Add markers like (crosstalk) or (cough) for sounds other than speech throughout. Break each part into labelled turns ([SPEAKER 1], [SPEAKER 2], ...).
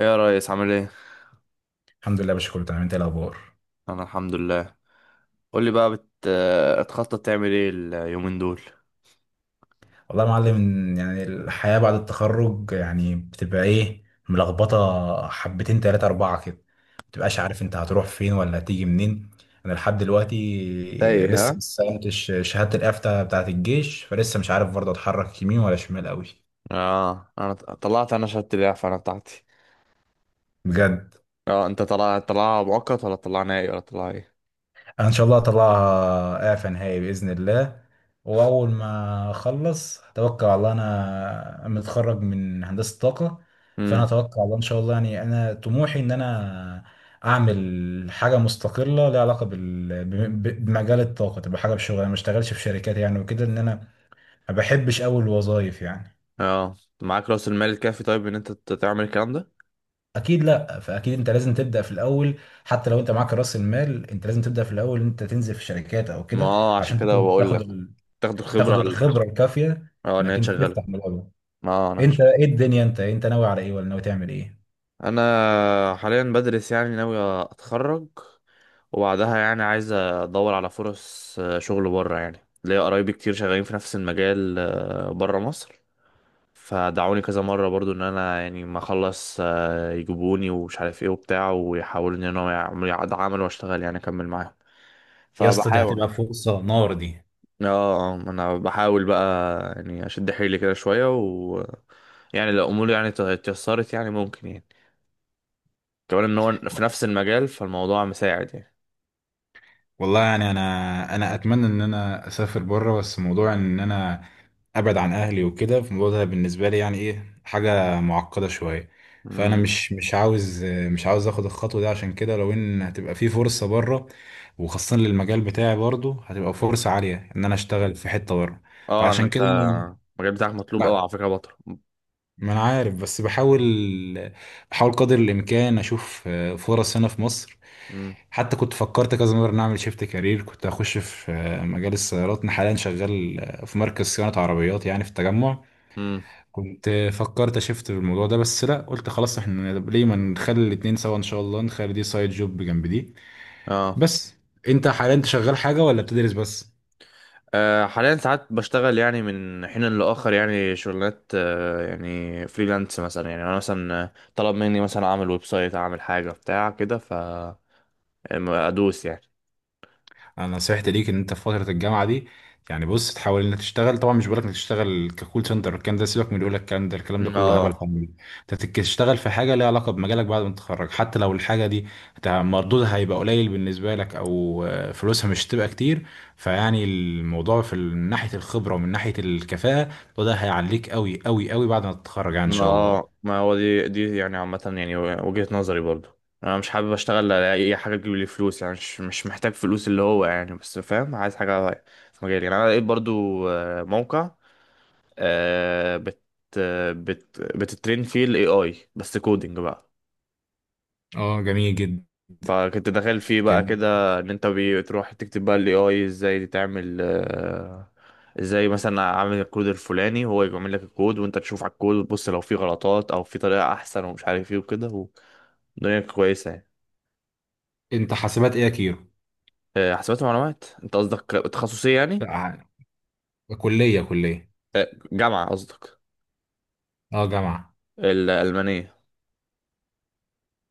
[SPEAKER 1] ايه يا ريس، عامل ايه؟
[SPEAKER 2] الحمد لله يا باشا، كله تمام. انت ايه الاخبار؟
[SPEAKER 1] انا الحمد لله. قول لي بقى، بتخطط تعمل ايه اليومين دول؟
[SPEAKER 2] والله يا معلم، يعني الحياه بعد التخرج يعني بتبقى ايه. ملخبطه حبتين تلاتة اربعه كده، ما بتبقاش عارف انت هتروح فين ولا هتيجي منين. انا لحد دلوقتي
[SPEAKER 1] تايه،
[SPEAKER 2] لسه ما
[SPEAKER 1] ها؟
[SPEAKER 2] استلمتش شهاده الافتة بتاعه الجيش، فلسه مش عارف برضه اتحرك يمين ولا شمال قوي.
[SPEAKER 1] اه، انا طلعت انا شهادة الاعفاء انا بتاعتي.
[SPEAKER 2] بجد
[SPEAKER 1] اه، انت طلع مؤقت ولا طلع نهائي ولا طلع ايه؟
[SPEAKER 2] ان شاء الله اطلعها اعفى نهائي باذن الله. واول ما اخلص اتوقع الله انا متخرج من هندسه طاقه. فانا
[SPEAKER 1] امم.
[SPEAKER 2] اتوقع الله ان شاء الله، يعني انا طموحي ان انا اعمل حاجه مستقله ليها علاقه بمجال الطاقه، تبقى حاجه بشغل انا، ما اشتغلش في شركات يعني، وكده ان انا ما بحبش اول الوظايف يعني.
[SPEAKER 1] اه، معاك راس المال الكافي طيب ان انت تعمل الكلام ده؟
[SPEAKER 2] اكيد لا، فاكيد انت لازم تبدا في الاول. حتى لو انت معاك راس المال، انت لازم تبدا في الاول، انت تنزل في شركات او
[SPEAKER 1] ما
[SPEAKER 2] كده.
[SPEAKER 1] اه، عشان
[SPEAKER 2] عشان
[SPEAKER 1] كده
[SPEAKER 2] تاخد
[SPEAKER 1] بقول
[SPEAKER 2] تاخد
[SPEAKER 1] لك. تاخد الخبرة
[SPEAKER 2] تاخد
[SPEAKER 1] على.
[SPEAKER 2] الخبره الكافيه،
[SPEAKER 1] اه، ان
[SPEAKER 2] انك
[SPEAKER 1] هي
[SPEAKER 2] انت
[SPEAKER 1] تشغلك.
[SPEAKER 2] تفتح ملعبه.
[SPEAKER 1] ما انا
[SPEAKER 2] انت ايه الدنيا، انت ناوي على ايه، ولا ناوي تعمل ايه؟
[SPEAKER 1] انا حاليا بدرس يعني ناوي اتخرج. وبعدها يعني عايز ادور على فرص شغل بره يعني. ليا قرايبي كتير شغالين في نفس المجال بره مصر. فدعوني كذا مرة برضو ان انا يعني ما اخلص يجيبوني ومش عارف ايه وبتاع، ويحاولوا ان انا يعملوا عمل واشتغل يعني اكمل معاهم.
[SPEAKER 2] يا اسطى دي
[SPEAKER 1] فبحاول.
[SPEAKER 2] هتبقى فرصة نار دي.
[SPEAKER 1] اه. ما انا بحاول بقى. يعني اشد حيلي كده شوية و يعني لو اموري يعني اتيسرت يعني ممكن يعني، كمان ان هو في نفس المجال، فالموضوع مساعد يعني.
[SPEAKER 2] والله يعني انا اتمنى ان انا اسافر بره، بس موضوع ان انا ابعد عن اهلي وكده، في الموضوع ده بالنسبه لي يعني ايه حاجه معقده شويه. فانا
[SPEAKER 1] امم.
[SPEAKER 2] مش عاوز مش عاوز اخد الخطوه دي. عشان كده لو ان هتبقى في فرصه بره، وخاصه للمجال بتاعي، برضو هتبقى فرصه عاليه ان انا اشتغل في حته بره،
[SPEAKER 1] اه، ان
[SPEAKER 2] فعشان
[SPEAKER 1] انت
[SPEAKER 2] كده
[SPEAKER 1] المجال بتاعك مطلوب قوي
[SPEAKER 2] انا.
[SPEAKER 1] على فكره يا بطل.
[SPEAKER 2] ما انا عارف، بس بحاول. بحاول قدر الامكان اشوف فرص هنا في مصر.
[SPEAKER 1] امم.
[SPEAKER 2] حتى كنت فكرت كذا مره ان اعمل شيفت كارير، كنت اخش في مجال السيارات. انا حاليا شغال في مركز صيانه عربيات يعني في التجمع.
[SPEAKER 1] امم.
[SPEAKER 2] كنت فكرت اشفت بالموضوع ده، بس لا قلت خلاص احنا ليه ما نخلي الاتنين سوا، ان شاء الله نخلي دي سايد جوب جنب دي.
[SPEAKER 1] اه.
[SPEAKER 2] بس انت حاليا انت شغال حاجه ولا بتدرس بس؟
[SPEAKER 1] حاليا ساعات بشتغل يعني من حين لآخر، يعني شغلانات يعني فريلانس مثلا، يعني انا مثلا طلب مني مثلا اعمل ويب سايت، اعمل حاجه بتاع كده ف ادوس يعني.
[SPEAKER 2] انا نصيحتي ليك ان انت في فتره الجامعه دي، يعني بص، تحاول انك تشتغل. طبعا مش بقولك انك تشتغل ككول سنتر، الكلام ده سيبك من اللي يقول لك الكلام ده، الكلام ده
[SPEAKER 1] مم.
[SPEAKER 2] كله هبل
[SPEAKER 1] اه.
[SPEAKER 2] فاضي. انت تشتغل في حاجه ليها علاقه بمجالك بعد ما تتخرج، حتى لو الحاجه دي مردودها هيبقى قليل بالنسبه لك، او فلوسها مش هتبقى كتير. فيعني الموضوع من ناحيه الخبره ومن ناحيه الكفاءه، وده هيعليك قوي قوي قوي بعد ما تتخرج يعني ان
[SPEAKER 1] ما
[SPEAKER 2] شاء الله.
[SPEAKER 1] اه، ما هو دي يعني عامة، يعني وجهة نظري برضو. انا مش حابب اشتغل على اي حاجة تجيب لي فلوس يعني، مش محتاج فلوس، اللي هو يعني، بس فاهم، عايز حاجة في مجالي يعني. انا لقيت برضو آه، موقع آه، بت آه، بت بتترين فيه الاي اي، بس كودينج بقى.
[SPEAKER 2] اه جميل جدا.
[SPEAKER 1] فكنت داخل فيه بقى
[SPEAKER 2] جميل.
[SPEAKER 1] كده، ان انت بتروح تكتب بقى الاي اي، ازاي تعمل ازاي مثلا اعمل الكود الفلاني، هو يعمل لك الكود، وانت تشوف على الكود وتبص لو في غلطات او في طريقة احسن ومش عارف ايه وكده. الدنيا كويسة يعني.
[SPEAKER 2] انت حاسبات ايه يا كيرو؟
[SPEAKER 1] حسابات ومعلومات. انت قصدك تخصصية يعني؟
[SPEAKER 2] لا، كليه كليه.
[SPEAKER 1] جامعة قصدك؟
[SPEAKER 2] اه جامعه.
[SPEAKER 1] الألمانية.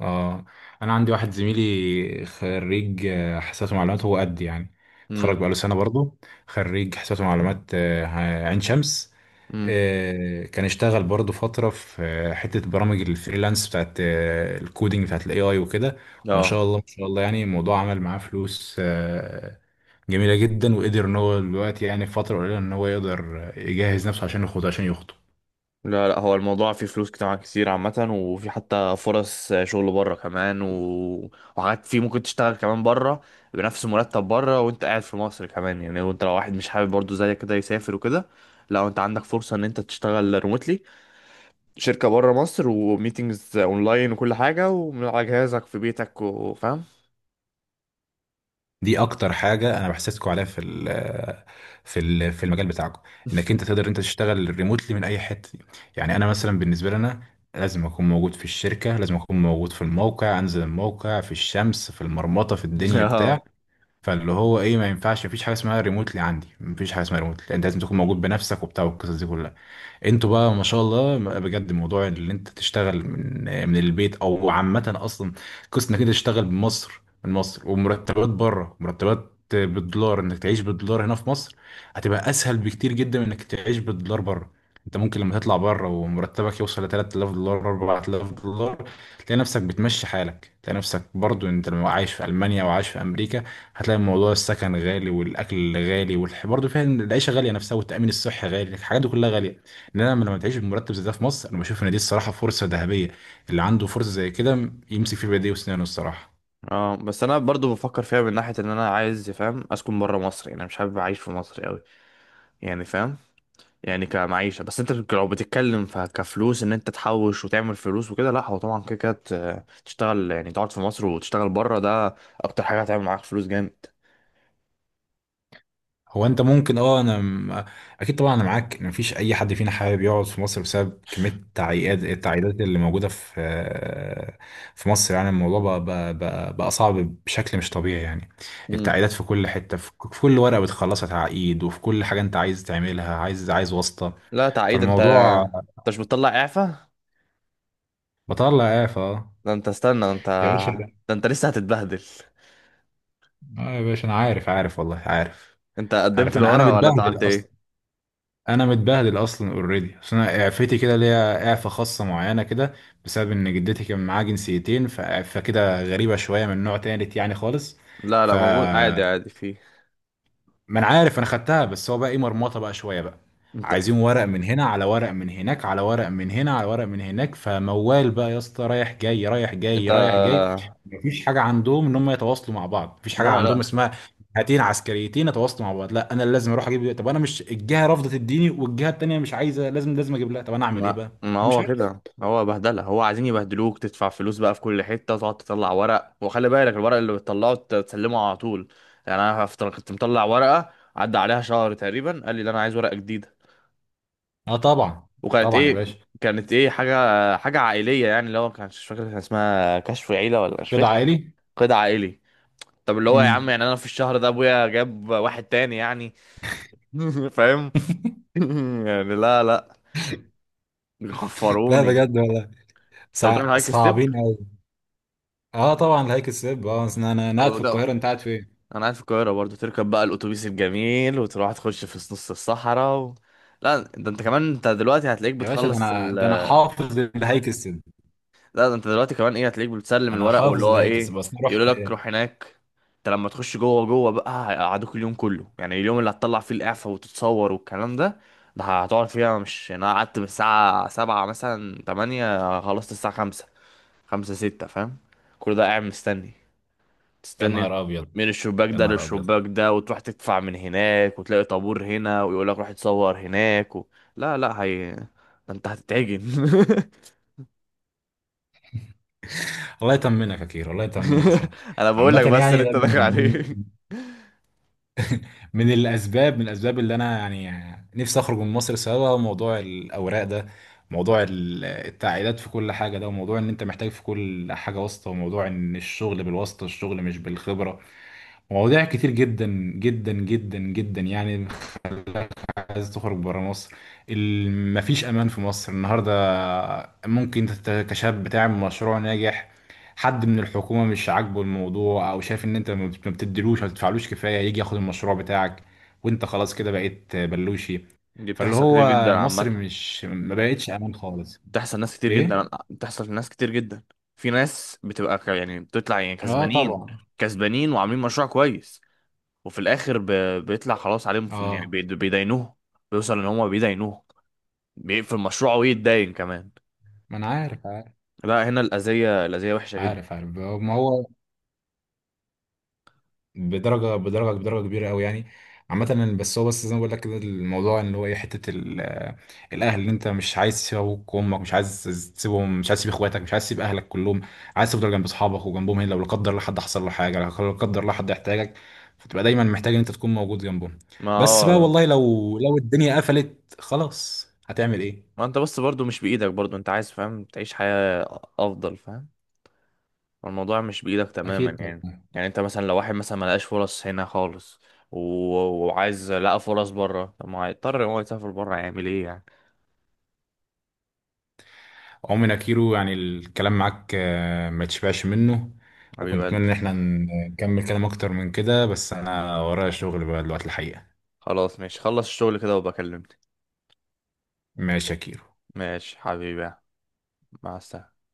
[SPEAKER 2] اه انا عندي واحد زميلي خريج حاسبات ومعلومات، هو قد يعني
[SPEAKER 1] امم.
[SPEAKER 2] اتخرج بقاله سنه برضه. خريج حاسبات ومعلومات عين شمس.
[SPEAKER 1] امم.
[SPEAKER 2] كان اشتغل برضه فتره في حته برامج الفريلانس بتاعت الكودينج بتاعت الاي اي وكده. وما
[SPEAKER 1] اه.
[SPEAKER 2] شاء الله ما شاء الله، يعني الموضوع عمل معاه فلوس جميله جدا، وقدر ان هو دلوقتي يعني في فتره قليله ان هو يقدر يجهز نفسه عشان يخوض، عشان يخطب.
[SPEAKER 1] لا، لا، هو الموضوع فيه فلوس جامعة كتير عامة، وفي حتى فرص شغل بره كمان وحاجات فيه ممكن تشتغل كمان بره. بنفس مرتب بره، وانت قاعد في مصر كمان يعني. وانت لو واحد مش حابب برضو زيك كده يسافر وكده، لا، انت عندك فرصة ان انت تشتغل ريموتلي. شركة بره مصر وميتينجز اونلاين وكل حاجة، ومن على جهازك في بيتك، وفاهم.
[SPEAKER 2] دي اكتر حاجه انا بحسسكم عليها في المجال بتاعكم، انك انت تقدر انت تشتغل ريموتلي من اي حته. يعني انا مثلا بالنسبه لنا لازم اكون موجود في الشركه، لازم اكون موجود في الموقع، انزل الموقع في الشمس في المرمطه في
[SPEAKER 1] (laughs)
[SPEAKER 2] الدنيا
[SPEAKER 1] اه.
[SPEAKER 2] بتاع. فاللي هو ايه، ما ينفعش، مفيش حاجه اسمها ريموتلي عندي، مفيش حاجه اسمها ريموتلي، انت لازم تكون موجود بنفسك وبتاع والقصص دي كلها. انتوا بقى ما شاء الله بجد، موضوع اللي انت تشتغل من من البيت او عامه اصلا، قصة انك انت تشتغل بمصر، من مصر ومرتبات بره، مرتبات بالدولار، انك تعيش بالدولار هنا في مصر، هتبقى اسهل بكتير جدا من انك تعيش بالدولار بره. انت ممكن لما تطلع بره ومرتبك يوصل ل 3000 دولار 4000 دولار، تلاقي نفسك بتمشي حالك. تلاقي نفسك برضو انت لو عايش في المانيا وعايش في امريكا، هتلاقي موضوع السكن غالي والاكل غالي برضه فيها إن العيشه غاليه نفسها، والتامين الصحي غالي، الحاجات دي كلها غاليه. انما لما تعيش بمرتب زي ده في مصر، انا بشوف ان دي الصراحه فرصه ذهبيه. اللي عنده فرصه زي كده يمسك في بايديه وسنانه الصراحه.
[SPEAKER 1] اه، بس انا برضو بفكر فيها، من ناحيه ان انا عايز فاهم اسكن بره مصر. يعني انا مش حابب اعيش في مصر قوي يعني، فاهم، يعني كمعيشه. بس انت لو بتتكلم كفلوس، ان انت تحوش وتعمل فلوس وكده، لا، هو طبعا كده كده تشتغل يعني. تقعد في مصر وتشتغل بره، ده اكتر حاجه هتعمل معاك فلوس جامد.
[SPEAKER 2] هو انت ممكن اه، اكيد طبعا انا معاك ان مفيش اي حد فينا حابب يقعد في مصر، بسبب كميه التعقيدات. التعقيدات اللي موجوده في في مصر، يعني الموضوع بقى بقى صعب بشكل مش طبيعي يعني.
[SPEAKER 1] مم.
[SPEAKER 2] التعقيدات في كل حته، في كل ورقه بتخلصها تعقيد، وفي كل حاجه انت عايز تعملها عايز واسطه.
[SPEAKER 1] لا، تعيد؟ انت
[SPEAKER 2] فالموضوع
[SPEAKER 1] انت مش بتطلع اعفاء؟
[SPEAKER 2] بطلع اعفاء
[SPEAKER 1] ده انت استنى، ده انت.
[SPEAKER 2] يا باشا.
[SPEAKER 1] ده انت لسه هتتبهدل.
[SPEAKER 2] اه يا باشا انا عارف، عارف والله عارف
[SPEAKER 1] انت قدمت
[SPEAKER 2] عارف انا انا
[SPEAKER 1] الورق ولا عادي؟ انت
[SPEAKER 2] متبهدل
[SPEAKER 1] عملت ايه؟
[SPEAKER 2] اصلا. انا متبهدل اصلا اوريدي، اصل انا اعفتي كده ليا اعفه خاصه معينه كده، بسبب ان جدتي كان معاها جنسيتين، فكده غريبه شويه، من نوع تالت يعني خالص.
[SPEAKER 1] لا،
[SPEAKER 2] ف
[SPEAKER 1] لا، موجود عادي عادي فيه.
[SPEAKER 2] ما انا عارف انا خدتها، بس هو بقى ايه مرمطه بقى شويه بقى.
[SPEAKER 1] انت.
[SPEAKER 2] عايزين ورق من هنا على ورق من هناك على ورق من هنا على ورق من هناك، فموال بقى يا اسطى، رايح جاي رايح
[SPEAKER 1] انت.
[SPEAKER 2] جاي رايح جاي. مفيش حاجه عندهم ان هم يتواصلوا مع بعض، مفيش حاجه
[SPEAKER 1] لا،
[SPEAKER 2] عندهم
[SPEAKER 1] لا.
[SPEAKER 2] اسمها هاتين عسكريتين يتواصلوا مع بعض، لا انا اللي لازم اروح اجيب. طب انا مش الجهه رافضه تديني والجهه التانيه مش عايزه، لازم لازم اجيب لها، طب انا اعمل ايه
[SPEAKER 1] ما
[SPEAKER 2] بقى؟
[SPEAKER 1] ما
[SPEAKER 2] فمش
[SPEAKER 1] هو
[SPEAKER 2] عارف.
[SPEAKER 1] كده، هو بهدله، هو عايزين يبهدلوك تدفع فلوس بقى في كل حته، تقعد تطلع ورق، وخلي بالك الورق اللي بتطلعه تسلمه على طول. يعني انا كنت مطلع ورقه عدى عليها شهر تقريبا، قال لي لا، انا عايز ورقه جديده.
[SPEAKER 2] اه طبعا.
[SPEAKER 1] وكانت
[SPEAKER 2] طبعا يا
[SPEAKER 1] ايه؟
[SPEAKER 2] باشا.
[SPEAKER 1] كانت ايه حاجه؟ حاجه عائليه يعني، اللي هو كان مش فاكر، كان اسمها كشف عيله ولا مش
[SPEAKER 2] كده
[SPEAKER 1] فاكر.
[SPEAKER 2] عائلي.
[SPEAKER 1] قيد عائلي. طب اللي هو يا عم،
[SPEAKER 2] امم.
[SPEAKER 1] يعني انا في الشهر ده ابويا جاب واحد تاني يعني؟ (laughs) فاهم.
[SPEAKER 2] (laughs)
[SPEAKER 1] (laughs) يعني، لا، لا،
[SPEAKER 2] لا
[SPEAKER 1] بيخفروني.
[SPEAKER 2] بجد والله.
[SPEAKER 1] انت بتروح هايك
[SPEAKER 2] صعبين. اه طبعا، الهيك السب، اه. أصل انا انا قاعد في
[SPEAKER 1] ستيب؟
[SPEAKER 2] القاهره، انت قاعد فين؟
[SPEAKER 1] انا قاعد في القاهره برضو، تركب بقى الاتوبيس الجميل وتروح تخش في نص الصحراء و. لا، ده انت كمان، انت دلوقتي هتلاقيك
[SPEAKER 2] يا باشا ده
[SPEAKER 1] بتخلص
[SPEAKER 2] انا، ده انا حافظ الهيك السب.
[SPEAKER 1] لا، ده انت دلوقتي كمان ايه، هتلاقيك بتسلم
[SPEAKER 2] انا
[SPEAKER 1] الورق واللي
[SPEAKER 2] حافظ
[SPEAKER 1] هو
[SPEAKER 2] الهيك السب
[SPEAKER 1] ايه،
[SPEAKER 2] بس انا
[SPEAKER 1] يقولوا
[SPEAKER 2] رحت.
[SPEAKER 1] لك روح هناك. انت لما تخش جوه جوه بقى هيقعدوك اليوم كله. يعني اليوم اللي هتطلع فيه الاعفاء وتتصور والكلام ده، ده هتقعد فيها. مش يعني، انا قعدت من الساعه 7 مثلا، 8، خلصت الساعه 5، 5 6، فاهم؟ كل ده قاعد مستني،
[SPEAKER 2] يا
[SPEAKER 1] تستني،
[SPEAKER 2] نهار ابيض.
[SPEAKER 1] من الشباك
[SPEAKER 2] يا
[SPEAKER 1] ده
[SPEAKER 2] نهار ابيض.
[SPEAKER 1] للشباك ده، وتروح تدفع من هناك، وتلاقي طابور هنا ويقول لك روح اتصور هناك و. لا، لا، هي ده، انت هتتعجن. (laughs)
[SPEAKER 2] الله يطمنك يا كير، الله يطمنك يا صاحبي.
[SPEAKER 1] انا بقول
[SPEAKER 2] عامة
[SPEAKER 1] لك بس
[SPEAKER 2] يعني
[SPEAKER 1] اللي
[SPEAKER 2] ده
[SPEAKER 1] انت داخل
[SPEAKER 2] من من
[SPEAKER 1] عليه.
[SPEAKER 2] من الاسباب، من الاسباب اللي انا يعني نفسي اخرج من مصر سوا، موضوع الاوراق ده، موضوع التعقيدات في كل حاجة ده، وموضوع ان انت محتاج في كل حاجة واسطة، وموضوع ان الشغل بالواسطة، الشغل مش بالخبرة. مواضيع كتير جدا جدا جدا جدا يعني، خلاك عايز تخرج برا مصر. مفيش امان في مصر النهارده. ممكن انت كشاب بتعمل مشروع ناجح، حد من الحكومه مش عاجبه الموضوع، او شايف ان انت ما بتديلوش ما بتدفعلوش كفايه، يجي ياخد المشروع بتاعك، وانت خلاص كده بقيت بلوشي.
[SPEAKER 1] دي
[SPEAKER 2] فاللي
[SPEAKER 1] بتحصل كتير
[SPEAKER 2] هو
[SPEAKER 1] جدا
[SPEAKER 2] مصر
[SPEAKER 1] عامة.
[SPEAKER 2] مش، ما بقتش امان خالص. ايه.
[SPEAKER 1] بتحصل لناس كتير جدا. في ناس بتبقى يعني بتطلع يعني
[SPEAKER 2] اه
[SPEAKER 1] كسبانين،
[SPEAKER 2] طبعا.
[SPEAKER 1] كسبانين وعاملين مشروع كويس، وفي الاخر بيطلع خلاص عليهم يعني،
[SPEAKER 2] اه
[SPEAKER 1] بيدينوه، بيوصل ان هم بيدينوه، بيقفل مشروعه ويتداين كمان.
[SPEAKER 2] ما انا عارف، عارف
[SPEAKER 1] لا، هنا الأذية الأذية وحشة جدا.
[SPEAKER 2] عارف عارف ما هو بدرجه بدرجه كبيره قوي يعني. عامه بس هو، بس زي ما بقول لك كده، الموضوع اللي هو ايه، الاهل اللي انت مش عايز تسيب ابوك وامك، مش عايز تسيبهم، مش عايز تسيب اخواتك، مش عايز تسيب اهلك كلهم، عايز تفضل جنب اصحابك وجنبهم هنا. لو لا قدر الله حد حصل له حاجه، لو لا قدر الله حد يحتاجك، فتبقى دايما محتاج ان انت تكون موجود جنبهم.
[SPEAKER 1] ما
[SPEAKER 2] بس بقى
[SPEAKER 1] اه،
[SPEAKER 2] والله لو الدنيا قفلت خلاص هتعمل ايه.
[SPEAKER 1] ما انت بس برضو مش بإيدك. برضو انت عايز فاهم تعيش حياة أفضل، فاهم. الموضوع مش بإيدك تماما
[SPEAKER 2] اكيد.
[SPEAKER 1] يعني. يعني انت مثلا لو واحد مثلا ملقاش فرص هنا خالص، و وعايز لقى فرص بره، طب ما هيضطر ان هو يسافر بره، هيعمل ايه يعني؟
[SPEAKER 2] عمرو نكيرو يعني الكلام معاك ما تشبعش منه.
[SPEAKER 1] حبيب
[SPEAKER 2] وكنت اتمنى
[SPEAKER 1] قلبي.
[SPEAKER 2] ان احنا نكمل كلام اكتر من كده، بس انا ورايا شغل بقى دلوقتي الحقيقة.
[SPEAKER 1] خلاص، ماشي، خلص الشغل كده وبكلمني.
[SPEAKER 2] ماشي يا كيرو.
[SPEAKER 1] ماشي حبيبي. مع السلامة.